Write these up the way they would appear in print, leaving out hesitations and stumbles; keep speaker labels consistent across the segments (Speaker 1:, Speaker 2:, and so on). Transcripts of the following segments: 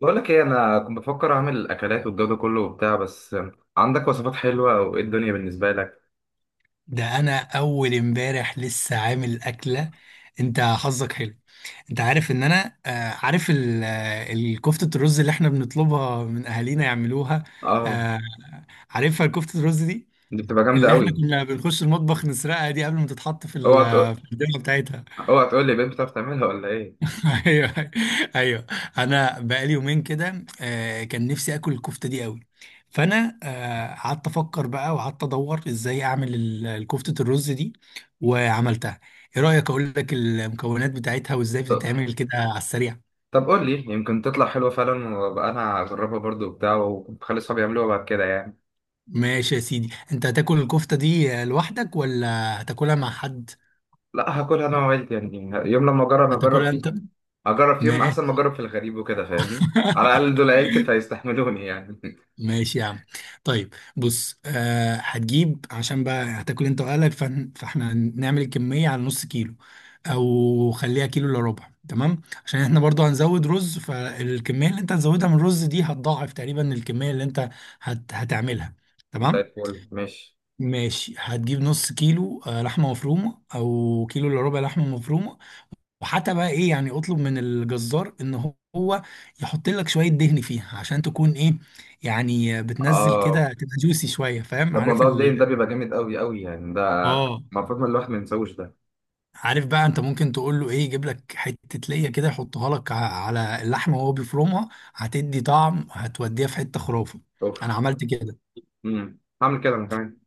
Speaker 1: بقول لك ايه، انا كنت بفكر اعمل الاكلات والجو ده كله وبتاع. بس عندك وصفات حلوه وايه الدنيا بالنسبه لك؟
Speaker 2: ده انا اول امبارح لسه عامل اكله. انت حظك حلو. انت عارف ان انا عارف الكفته الرز اللي احنا بنطلبها من اهالينا يعملوها.
Speaker 1: اه،
Speaker 2: آه، عارفها الكفته الرز دي.
Speaker 1: دي بتبقى جامده
Speaker 2: اللي احنا
Speaker 1: قوي.
Speaker 2: كنا بنخش المطبخ نسرقها دي قبل ما تتحط في ال-
Speaker 1: اوعى
Speaker 2: آه،
Speaker 1: تقول،
Speaker 2: في الدنيا بتاعتها.
Speaker 1: اوعى تقول لي بنت بتعرف تعملها ولا ايه؟
Speaker 2: ايوه، ايوه. انا بقالي يومين كده، كان نفسي اكل الكفته دي قوي. فانا قعدت افكر بقى وقعدت ادور ازاي اعمل الكفته الرز دي، وعملتها. ايه رايك اقول لك المكونات بتاعتها وازاي
Speaker 1: طب،
Speaker 2: بتتعمل كده على السريع؟
Speaker 1: طب قول لي، يمكن تطلع حلوه فعلا وابقى انا اجربها برضو وبتاع، وخلي اصحابي يعملوها بعد كده يعني.
Speaker 2: ماشي يا سيدي، انت هتاكل الكفته دي لوحدك ولا هتاكلها مع حد؟
Speaker 1: لا، هاكلها انا وعيلتي يعني. يوم لما اجرب اجرب
Speaker 2: هتاكلها انت؟
Speaker 1: فيهم، اجرب فيهم احسن ما
Speaker 2: ماشي.
Speaker 1: اجرب في الغريب وكده، فاهمني، على الاقل دول عيلتي فيستحملوني يعني.
Speaker 2: ماشي يا عم. طيب بص، آه هتجيب عشان بقى هتاكل انت واهلك، فاحنا نعمل الكمية على نص كيلو، او خليها كيلو الا ربع. تمام؟ عشان احنا برضو هنزود رز، فالكمية اللي انت هتزودها من الرز دي هتضاعف تقريبا الكمية اللي انت هتعملها.
Speaker 1: زي
Speaker 2: تمام؟
Speaker 1: الفل، ماشي.
Speaker 2: ماشي، هتجيب نص كيلو لحمة مفرومة، او كيلو الا ربع لحمة مفرومة. وحتى بقى ايه، يعني اطلب من الجزار ان هو يحط لك شويه دهن فيها عشان تكون ايه، يعني بتنزل
Speaker 1: اه،
Speaker 2: كده تبقى جوسي شويه، فاهم؟
Speaker 1: ده
Speaker 2: عارف
Speaker 1: موضوع
Speaker 2: ال
Speaker 1: الدين ده بيبقى جامد قوي قوي يعني، ده
Speaker 2: اه.
Speaker 1: المفروض ما الواحد ما ينساوش ده.
Speaker 2: عارف بقى انت ممكن تقول له ايه، يجيب لك حته ليا كده يحطها لك على اللحمه وهو بيفرمها، هتدي طعم، هتوديها في حته خرافه. انا
Speaker 1: اوف.
Speaker 2: عملت كده.
Speaker 1: امم، هعمل كده انا كمان.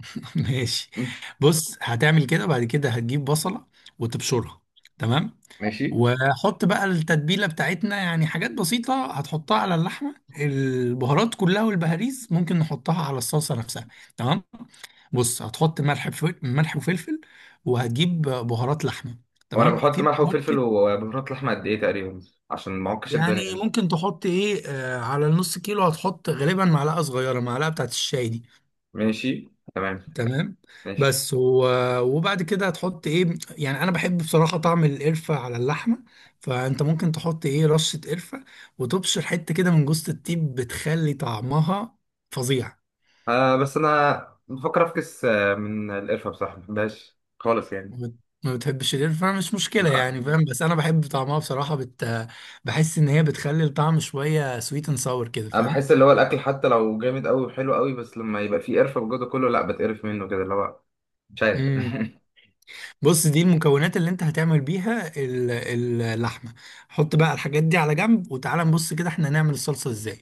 Speaker 2: ماشي.
Speaker 1: مم.
Speaker 2: بص، هتعمل كده. بعد كده هتجيب بصله وتبشرها، تمام.
Speaker 1: ماشي.
Speaker 2: وحط بقى التتبيلة بتاعتنا، يعني حاجات بسيطة هتحطها على اللحمة، البهارات كلها، والبهاريز ممكن نحطها على الصلصة نفسها. تمام. بص، هتحط ملح ملح وفلفل، وهتجيب بهارات لحمة،
Speaker 1: وانا
Speaker 2: تمام؟
Speaker 1: بحط
Speaker 2: في
Speaker 1: ملح
Speaker 2: بهارات
Speaker 1: وفلفل
Speaker 2: كده.
Speaker 1: وبهارات لحمه قد ايه تقريبا عشان ما اعكش الدنيا
Speaker 2: يعني
Speaker 1: يعني؟
Speaker 2: ممكن تحط ايه على النص كيلو؟ هتحط غالبا معلقة صغيرة، معلقة بتاعت الشاي دي.
Speaker 1: ماشي. تمام.
Speaker 2: تمام.
Speaker 1: ماشي.
Speaker 2: بس وبعد كده هتحط ايه، يعني انا بحب بصراحة طعم القرفة على اللحمة. فانت ممكن تحط ايه رشة قرفة، وتبشر حتة كده من جوز الطيب بتخلي طعمها فظيع.
Speaker 1: آه بس انا بفكر افكس من القرفه، بصراحه ما بحبهاش خالص يعني.
Speaker 2: ما بت- ما بتحبش القرفة؟ مش مشكلة يعني،
Speaker 1: لا.
Speaker 2: فاهم. بس انا بحب طعمها بصراحة، بحس ان هي بتخلي الطعم شوية سويت اند ساور كده،
Speaker 1: انا
Speaker 2: فاهم؟
Speaker 1: بحس اللي هو الاكل حتى لو جامد قوي وحلو قوي، بس لما يبقى فيه قرفه وجوده كله لا، بتقرف منه كده، اللي هو مش عارف.
Speaker 2: امم بص، دي المكونات اللي انت هتعمل بيها اللحمة. حط بقى الحاجات دي على جنب، وتعالى نبص كده احنا هنعمل الصلصة ازاي.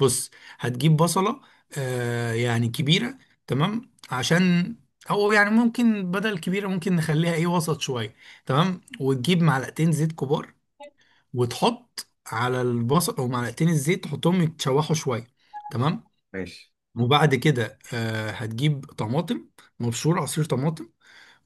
Speaker 2: بص، هتجيب بصلة يعني كبيرة، تمام؟ او يعني ممكن بدل كبيرة، ممكن نخليها ايه وسط شوية. تمام. وتجيب معلقتين زيت كبار وتحط على البصل، او معلقتين الزيت تحطهم يتشوحوا شوية، تمام.
Speaker 1: ماشي.
Speaker 2: وبعد كده هتجيب طماطم مبشور، عصير طماطم،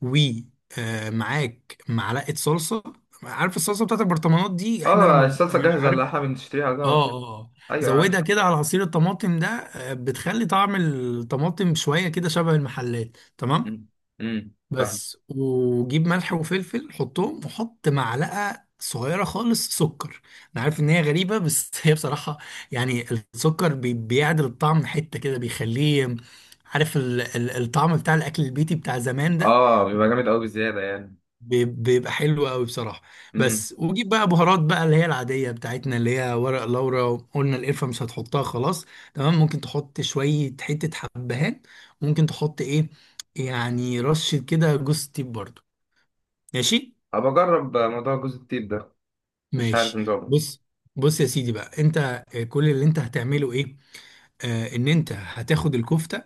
Speaker 2: ومعاك معلقة صلصة. عارف الصلصة بتاعت البرطمانات دي احنا
Speaker 1: اه،
Speaker 2: لما
Speaker 1: الصلصة
Speaker 2: يعني،
Speaker 1: جاهزة
Speaker 2: عارف؟
Speaker 1: اللي احنا بنشتريها ده على
Speaker 2: اه، اه،
Speaker 1: طول.
Speaker 2: آه.
Speaker 1: ايوه، عارف.
Speaker 2: زودها كده على عصير الطماطم ده، بتخلي طعم الطماطم شوية كده شبه المحلات. تمام.
Speaker 1: امم. امم، فاهم.
Speaker 2: بس وجيب ملح وفلفل حطهم، وحط معلقة صغيرة خالص سكر. انا عارف ان هي غريبة، بس هي بصراحة يعني السكر بيعدل الطعم حتة كده، بيخليه عارف الطعم بتاع الاكل البيتي بتاع زمان ده.
Speaker 1: اه، بيبقى جامد قوي بزيادة يعني.
Speaker 2: بيبقى حلو قوي بصراحه.
Speaker 1: امم.
Speaker 2: بس وجيب بقى بهارات بقى اللي هي العاديه بتاعتنا، اللي هي ورق لورا. قلنا القرفه مش هتحطها، خلاص، تمام. ممكن تحط شويه حته حبهان، ممكن تحط ايه يعني رشه كده جوز الطيب برضو. ماشي.
Speaker 1: ابقى اجرب موضوع جوز الطيب ده، مش عارف
Speaker 2: ماشي،
Speaker 1: نظامه.
Speaker 2: بص، بص يا سيدي بقى انت، كل اللي انت هتعمله ايه، ان انت هتاخد الكفته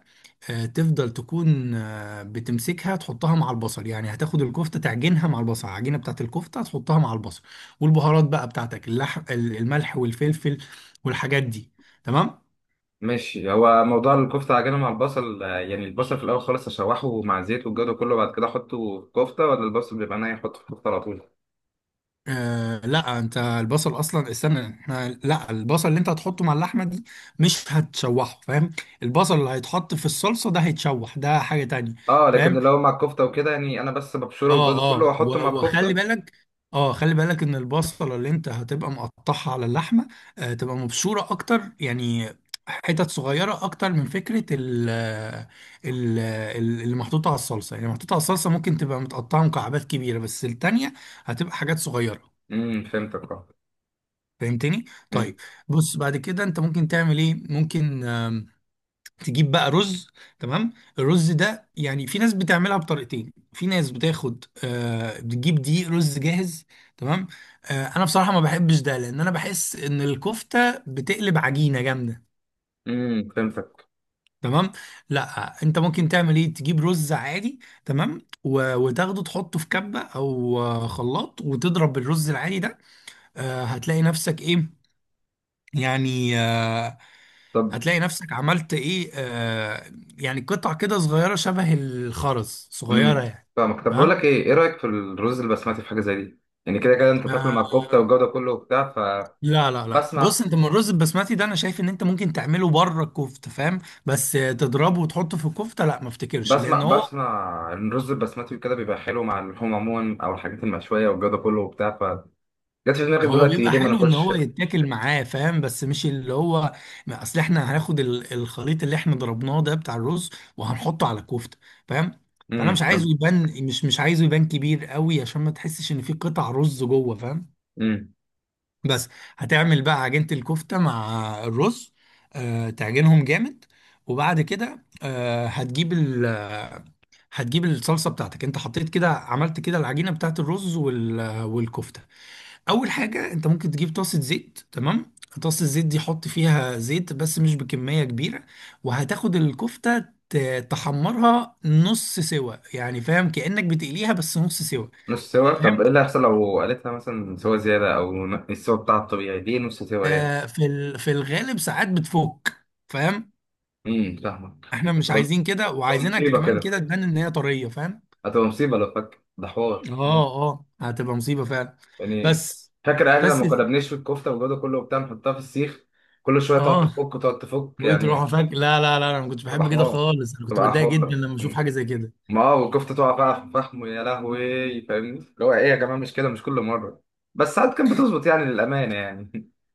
Speaker 2: تفضل تكون بتمسكها تحطها مع البصل. يعني هتاخد الكفتة تعجنها مع البصل، العجينة بتاعت الكفتة هتحطها مع البصل، والبهارات بقى بتاعتك، الملح والفلفل والحاجات دي، تمام.
Speaker 1: ماشي. هو موضوع الكفتة عجينة مع البصل يعني البصل في الاول خالص اشوحه مع زيت والجو ده كله بعد كده احطه في الكفتة، ولا البصل بيبقى ناي احطه في الكفتة على طول؟
Speaker 2: لا، انت البصل اصلا، استنى، احنا، لا، البصل اللي انت هتحطه مع اللحمة دي مش هتشوحه، فاهم؟ البصل اللي هيتحط في الصلصة ده هيتشوح، ده حاجة تانية،
Speaker 1: اه، لكن
Speaker 2: فاهم؟
Speaker 1: لو مع الكفتة وكده يعني، انا بس ببشره والجو
Speaker 2: اه،
Speaker 1: ده كله
Speaker 2: اه،
Speaker 1: واحطه مع
Speaker 2: وخلي
Speaker 1: الكفتة.
Speaker 2: بالك. اه، خلي بالك ان البصله اللي انت هتبقى مقطعها على اللحمه، تبقى مبشوره اكتر يعني، حتت صغيره اكتر. من فكره ال اللي محطوطه على الصلصه، يعني محطوطه على الصلصه ممكن تبقى متقطعه مكعبات كبيره، بس التانيه هتبقى حاجات صغيره.
Speaker 1: امم، فهمتك. اه.
Speaker 2: فهمتني؟
Speaker 1: امم.
Speaker 2: طيب، بص بعد كده انت ممكن تعمل ايه، ممكن تجيب بقى رز، تمام. الرز ده يعني في ناس بتعملها بطريقتين، في ناس بتاخد بتجيب دقيق رز جاهز، تمام. انا بصراحة ما بحبش ده، لان انا بحس ان الكفتة بتقلب عجينة جامدة،
Speaker 1: امم، فهمتك.
Speaker 2: تمام. لا، انت ممكن تعمل ايه، تجيب رز عادي، تمام. وتاخده تحطه في كبة او خلاط وتضرب الرز العادي ده. هتلاقي نفسك ايه، يعني
Speaker 1: طب.
Speaker 2: هتلاقي نفسك عملت ايه، يعني قطع كده صغيرة شبه الخرز، صغيرة
Speaker 1: امم،
Speaker 2: يعني،
Speaker 1: فاهمك. طب بقول
Speaker 2: تمام.
Speaker 1: لك ايه، ايه رايك في الرز البسمتي في حاجه زي دي؟ يعني كده كده انت تاكل
Speaker 2: آه
Speaker 1: مع الكفته والجو ده كله وبتاع.
Speaker 2: لا لا لا، بص،
Speaker 1: فبسمع
Speaker 2: انت من الرز البسمتي ده انا شايف ان انت ممكن تعمله بره الكفتة، فاهم؟ بس تضربه وتحطه في الكفتة، لا، ما افتكرش،
Speaker 1: بسمع
Speaker 2: لان هو،
Speaker 1: بسمع ان الرز البسمتي كده بيبقى حلو مع اللحوم عموما او الحاجات المشويه والجو ده كله وبتاع، فجت في دماغي
Speaker 2: هو
Speaker 1: دلوقتي،
Speaker 2: بيبقى
Speaker 1: ليه ما
Speaker 2: حلو ان
Speaker 1: ناكلش.
Speaker 2: هو يتاكل معاه، فاهم؟ بس مش اللي هو، ما اصل احنا هناخد الخليط اللي احنا ضربناه ده بتاع الرز، وهنحطه على الكفتة، فاهم؟ فانا مش عايزه
Speaker 1: امم.
Speaker 2: يبان، مش عايزه يبان كبير قوي، عشان ما تحسش ان في قطع رز جوه، فاهم؟
Speaker 1: امم.
Speaker 2: بس. هتعمل بقى عجينة الكفتة مع الرز، تعجنهم جامد. وبعد كده، آه، هتجيب ال آه، هتجيب الصلصة بتاعتك. انت حطيت كده، عملت كده العجينة بتاعت الرز والكفتة. اول حاجة انت ممكن تجيب طاسة زيت، تمام. طاسة الزيت دي حط فيها زيت بس مش بكمية كبيرة. وهتاخد الكفتة تحمرها نص سوا، يعني فاهم كأنك بتقليها، بس نص سوا،
Speaker 1: نص سوا؟ طب
Speaker 2: فاهم؟
Speaker 1: ايه اللي هيحصل لو قالتها مثلا سوا زياده، او السوا بتاعها الطبيعي دي نص سوا ايه؟
Speaker 2: في الغالب ساعات بتفك، فاهم؟
Speaker 1: امم، فاهمك.
Speaker 2: احنا
Speaker 1: هتبقى
Speaker 2: مش عايزين كده،
Speaker 1: هتبقى
Speaker 2: وعايزينها
Speaker 1: مصيبه
Speaker 2: كمان
Speaker 1: كده.
Speaker 2: كده تبان ان هي طريه، فاهم؟
Speaker 1: هتبقى مصيبه لو فك، ده حوار
Speaker 2: اه، اه، هتبقى مصيبه فعلا،
Speaker 1: يعني.
Speaker 2: بس.
Speaker 1: فاكر اهلي
Speaker 2: بس،
Speaker 1: لما كنا بنشوي الكفته والجو ده كله وبتاع نحطها في السيخ، كل شويه تقعد
Speaker 2: اه.
Speaker 1: تفك وتقعد تفك
Speaker 2: وتروحوا
Speaker 1: يعني.
Speaker 2: فاك؟ لا لا لا، انا ما كنتش
Speaker 1: تبقى
Speaker 2: بحب كده
Speaker 1: حوار،
Speaker 2: خالص، انا كنت
Speaker 1: تبقى
Speaker 2: بتضايق جدا
Speaker 1: حوار
Speaker 2: لما اشوف
Speaker 1: م.
Speaker 2: حاجه زي كده.
Speaker 1: ما هو الكفته تقع بقى في الفحم يا لهوي، فاهمني، اللي هو ايه يا جماعه، مش كده، مش كل مره، بس ساعات كانت بتظبط يعني، للامانه يعني.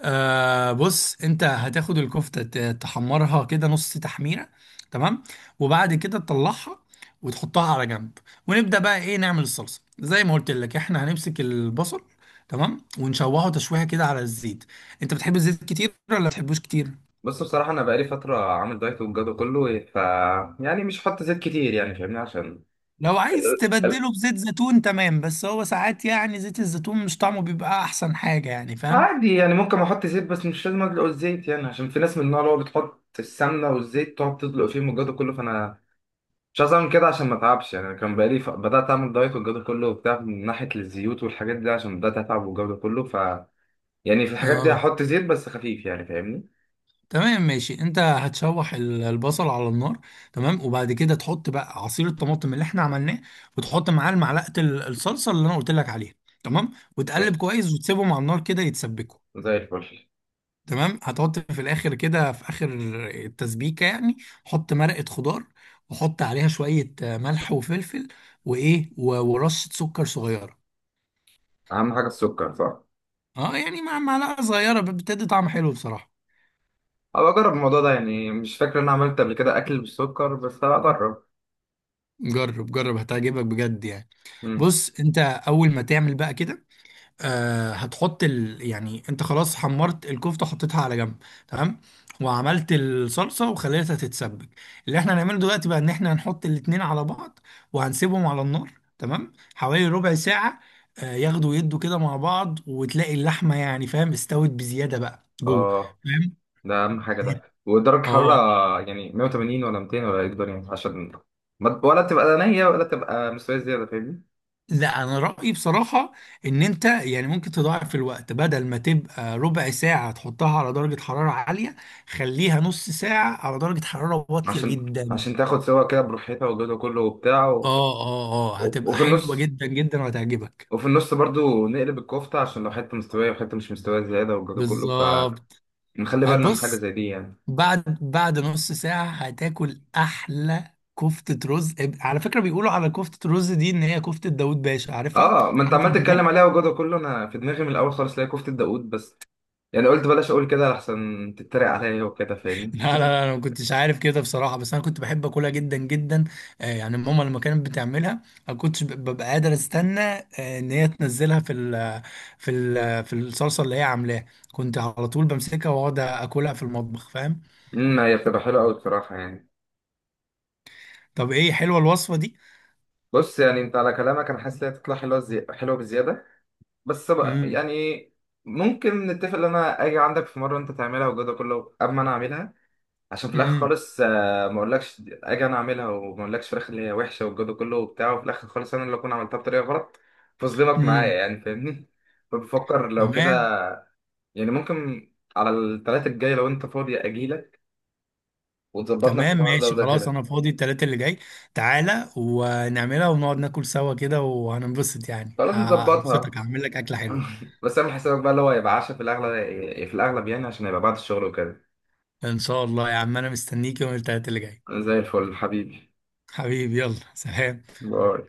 Speaker 2: بص، انت هتاخد الكفته تحمرها كده نص تحميره، تمام. وبعد كده تطلعها وتحطها على جنب. ونبدا بقى ايه، نعمل الصلصه زي ما قلت لك، احنا هنمسك البصل، تمام. ونشوحه تشويحه كده على الزيت. انت بتحب الزيت كتير ولا ما بتحبوش كتير؟
Speaker 1: بص، بصراحه انا بقالي فتره عامل دايت والجو ده كله، ف يعني مش هحط زيت كتير يعني، فاهمني، عشان
Speaker 2: لو عايز
Speaker 1: ال- ال-
Speaker 2: تبدله بزيت زيتون، تمام، بس هو ساعات يعني زيت الزيتون مش طعمه بيبقى احسن حاجة، يعني فاهم.
Speaker 1: عادي يعني، ممكن احط زيت بس مش لازم ادلق الزيت يعني، عشان في ناس من النوع اللي هو بتحط السمنه والزيت تقعد تدلق فيهم والجو ده كله، فانا مش عايز اعمل كده عشان ما اتعبش يعني. انا كان بقالي بدات اعمل دايت والجو ده كله وبتاع من ناحيه الزيوت والحاجات دي، عشان بدات اتعب والجو ده كله، ف يعني في الحاجات دي
Speaker 2: اه،
Speaker 1: هحط زيت بس خفيف يعني، فاهمني.
Speaker 2: تمام، ماشي. انت هتشوح البصل على النار، تمام. وبعد كده تحط بقى عصير الطماطم اللي احنا عملناه، وتحط معاه معلقه الصلصه اللي انا قلت لك عليها، تمام. وتقلب
Speaker 1: ماشي،
Speaker 2: كويس وتسيبهم على النار كده يتسبكوا،
Speaker 1: زي الفل.
Speaker 2: تمام. هتحط في الاخر كده، في اخر التسبيكه يعني، حط مرقه خضار، وحط عليها شويه ملح وفلفل، وايه، ورشه سكر صغيره.
Speaker 1: اهم حاجه السكر، صح؟
Speaker 2: اه، يعني مع معلقه صغيره، بتدي طعم حلو بصراحه.
Speaker 1: ابقى اجرب الموضوع ده يعني، مش فاكر ان انا عملت قبل كده اكل بالسكر، بس هبقى اجرب.
Speaker 2: جرب، جرب، هتعجبك بجد يعني.
Speaker 1: امم.
Speaker 2: بص، انت اول ما تعمل بقى كده، يعني انت خلاص حمرت الكفته، حطيتها على جنب، تمام، وعملت الصلصه وخليتها تتسبك. اللي احنا هنعمله دلوقتي بقى ان احنا هنحط الاتنين على بعض وهنسيبهم على النار، تمام، حوالي ربع ساعه. ياخدوا يدوا كده مع بعض، وتلاقي اللحمه يعني فاهم استوت بزياده بقى جوه،
Speaker 1: اه،
Speaker 2: فاهم؟
Speaker 1: ده اهم حاجه ده، ودرجه
Speaker 2: اه.
Speaker 1: حراره يعني 180 ولا 200 ولا ايه الدنيا، عشان ولا تبقى نيه ولا تبقى مستويه زياده، فاهمني؟
Speaker 2: لا، انا رايي بصراحه ان انت يعني ممكن تضاعف الوقت، بدل ما تبقى ربع ساعه تحطها على درجه حراره عاليه، خليها نص ساعه على درجه حراره واطيه
Speaker 1: عشان
Speaker 2: جدا.
Speaker 1: عشان تاخد سوا كده براحتها والجو ده كله وبتاع.
Speaker 2: اه، اه، اه، هتبقى
Speaker 1: وفي
Speaker 2: حلوه
Speaker 1: النص
Speaker 2: جدا جدا وهتعجبك.
Speaker 1: وفي النص برضو نقلب الكفتة، عشان لو حتة مستوية وحتة مش مستوية زيادة والجو ده كله،
Speaker 2: بالظبط.
Speaker 1: فنخلي بالنا من حاجة
Speaker 2: هتبص،
Speaker 1: زي دي يعني.
Speaker 2: بعد نص ساعه هتاكل احلى كفته رز. على فكره، بيقولوا على كفته رز دي ان هي كفته داوود باشا، عارفها؟
Speaker 1: اه، ما انت
Speaker 2: عارف.
Speaker 1: عمال تتكلم عليها والجو ده كله، انا في دماغي من الاول خالص لاقي كفتة داوود، بس يعني قلت بلاش اقول كده لحسن تتريق عليا وكده، فاهمني.
Speaker 2: لا لا لا، انا ما كنتش عارف كده بصراحه، بس انا كنت بحب اكلها جدا جدا. يعني ماما لما كانت بتعملها ما كنتش ببقى قادر استنى، ان هي تنزلها في الصلصه اللي هي عاملاها. كنت على طول بمسكها واقعد اكلها في المطبخ، فاهم؟
Speaker 1: امم، هي بتبقى حلوة قوي بصراحة يعني.
Speaker 2: طب ايه، حلوه الوصفه دي؟
Speaker 1: بص يعني، انت على كلامك انا حاسس انها تطلع حلوة، حلوة بزيادة، بس بقى
Speaker 2: امم،
Speaker 1: يعني ممكن نتفق ان انا اجي عندك في مرة انت تعملها والجو ده كله قبل ما انا اعملها، عشان في الاخر
Speaker 2: امم،
Speaker 1: خالص ما اقولكش اجي انا اعملها وما اقولكش في الاخر اللي هي وحشه والجو ده كله وبتاع، وفي الاخر خالص انا اللي اكون عملتها بطريقه غلط، فظلمك معايا
Speaker 2: امم،
Speaker 1: يعني، فاهمني. فبفكر لو كده
Speaker 2: تمام.
Speaker 1: يعني، ممكن على الثلاثة الجاي لو انت فاضي اجيلك وتظبطنا في
Speaker 2: تمام،
Speaker 1: الحوار ده
Speaker 2: ماشي،
Speaker 1: وده
Speaker 2: خلاص،
Speaker 1: كده.
Speaker 2: انا فاضي التلاتة اللي جاي. تعالى ونعملها ونقعد ناكل سوا كده وهننبسط، يعني
Speaker 1: خلاص،
Speaker 2: هبسطك،
Speaker 1: نظبطها.
Speaker 2: هعمل لك اكله حلوه.
Speaker 1: بس اعمل حسابك بقى، اللي هو يبقى عشاء في الاغلب، في الاغلب يعني، عشان هيبقى بعد الشغل وكده.
Speaker 2: ان شاء الله يا عم، انا مستنيك يوم التلاتة اللي جاي.
Speaker 1: زي الفل حبيبي.
Speaker 2: حبيبي، يلا سلام.
Speaker 1: باي.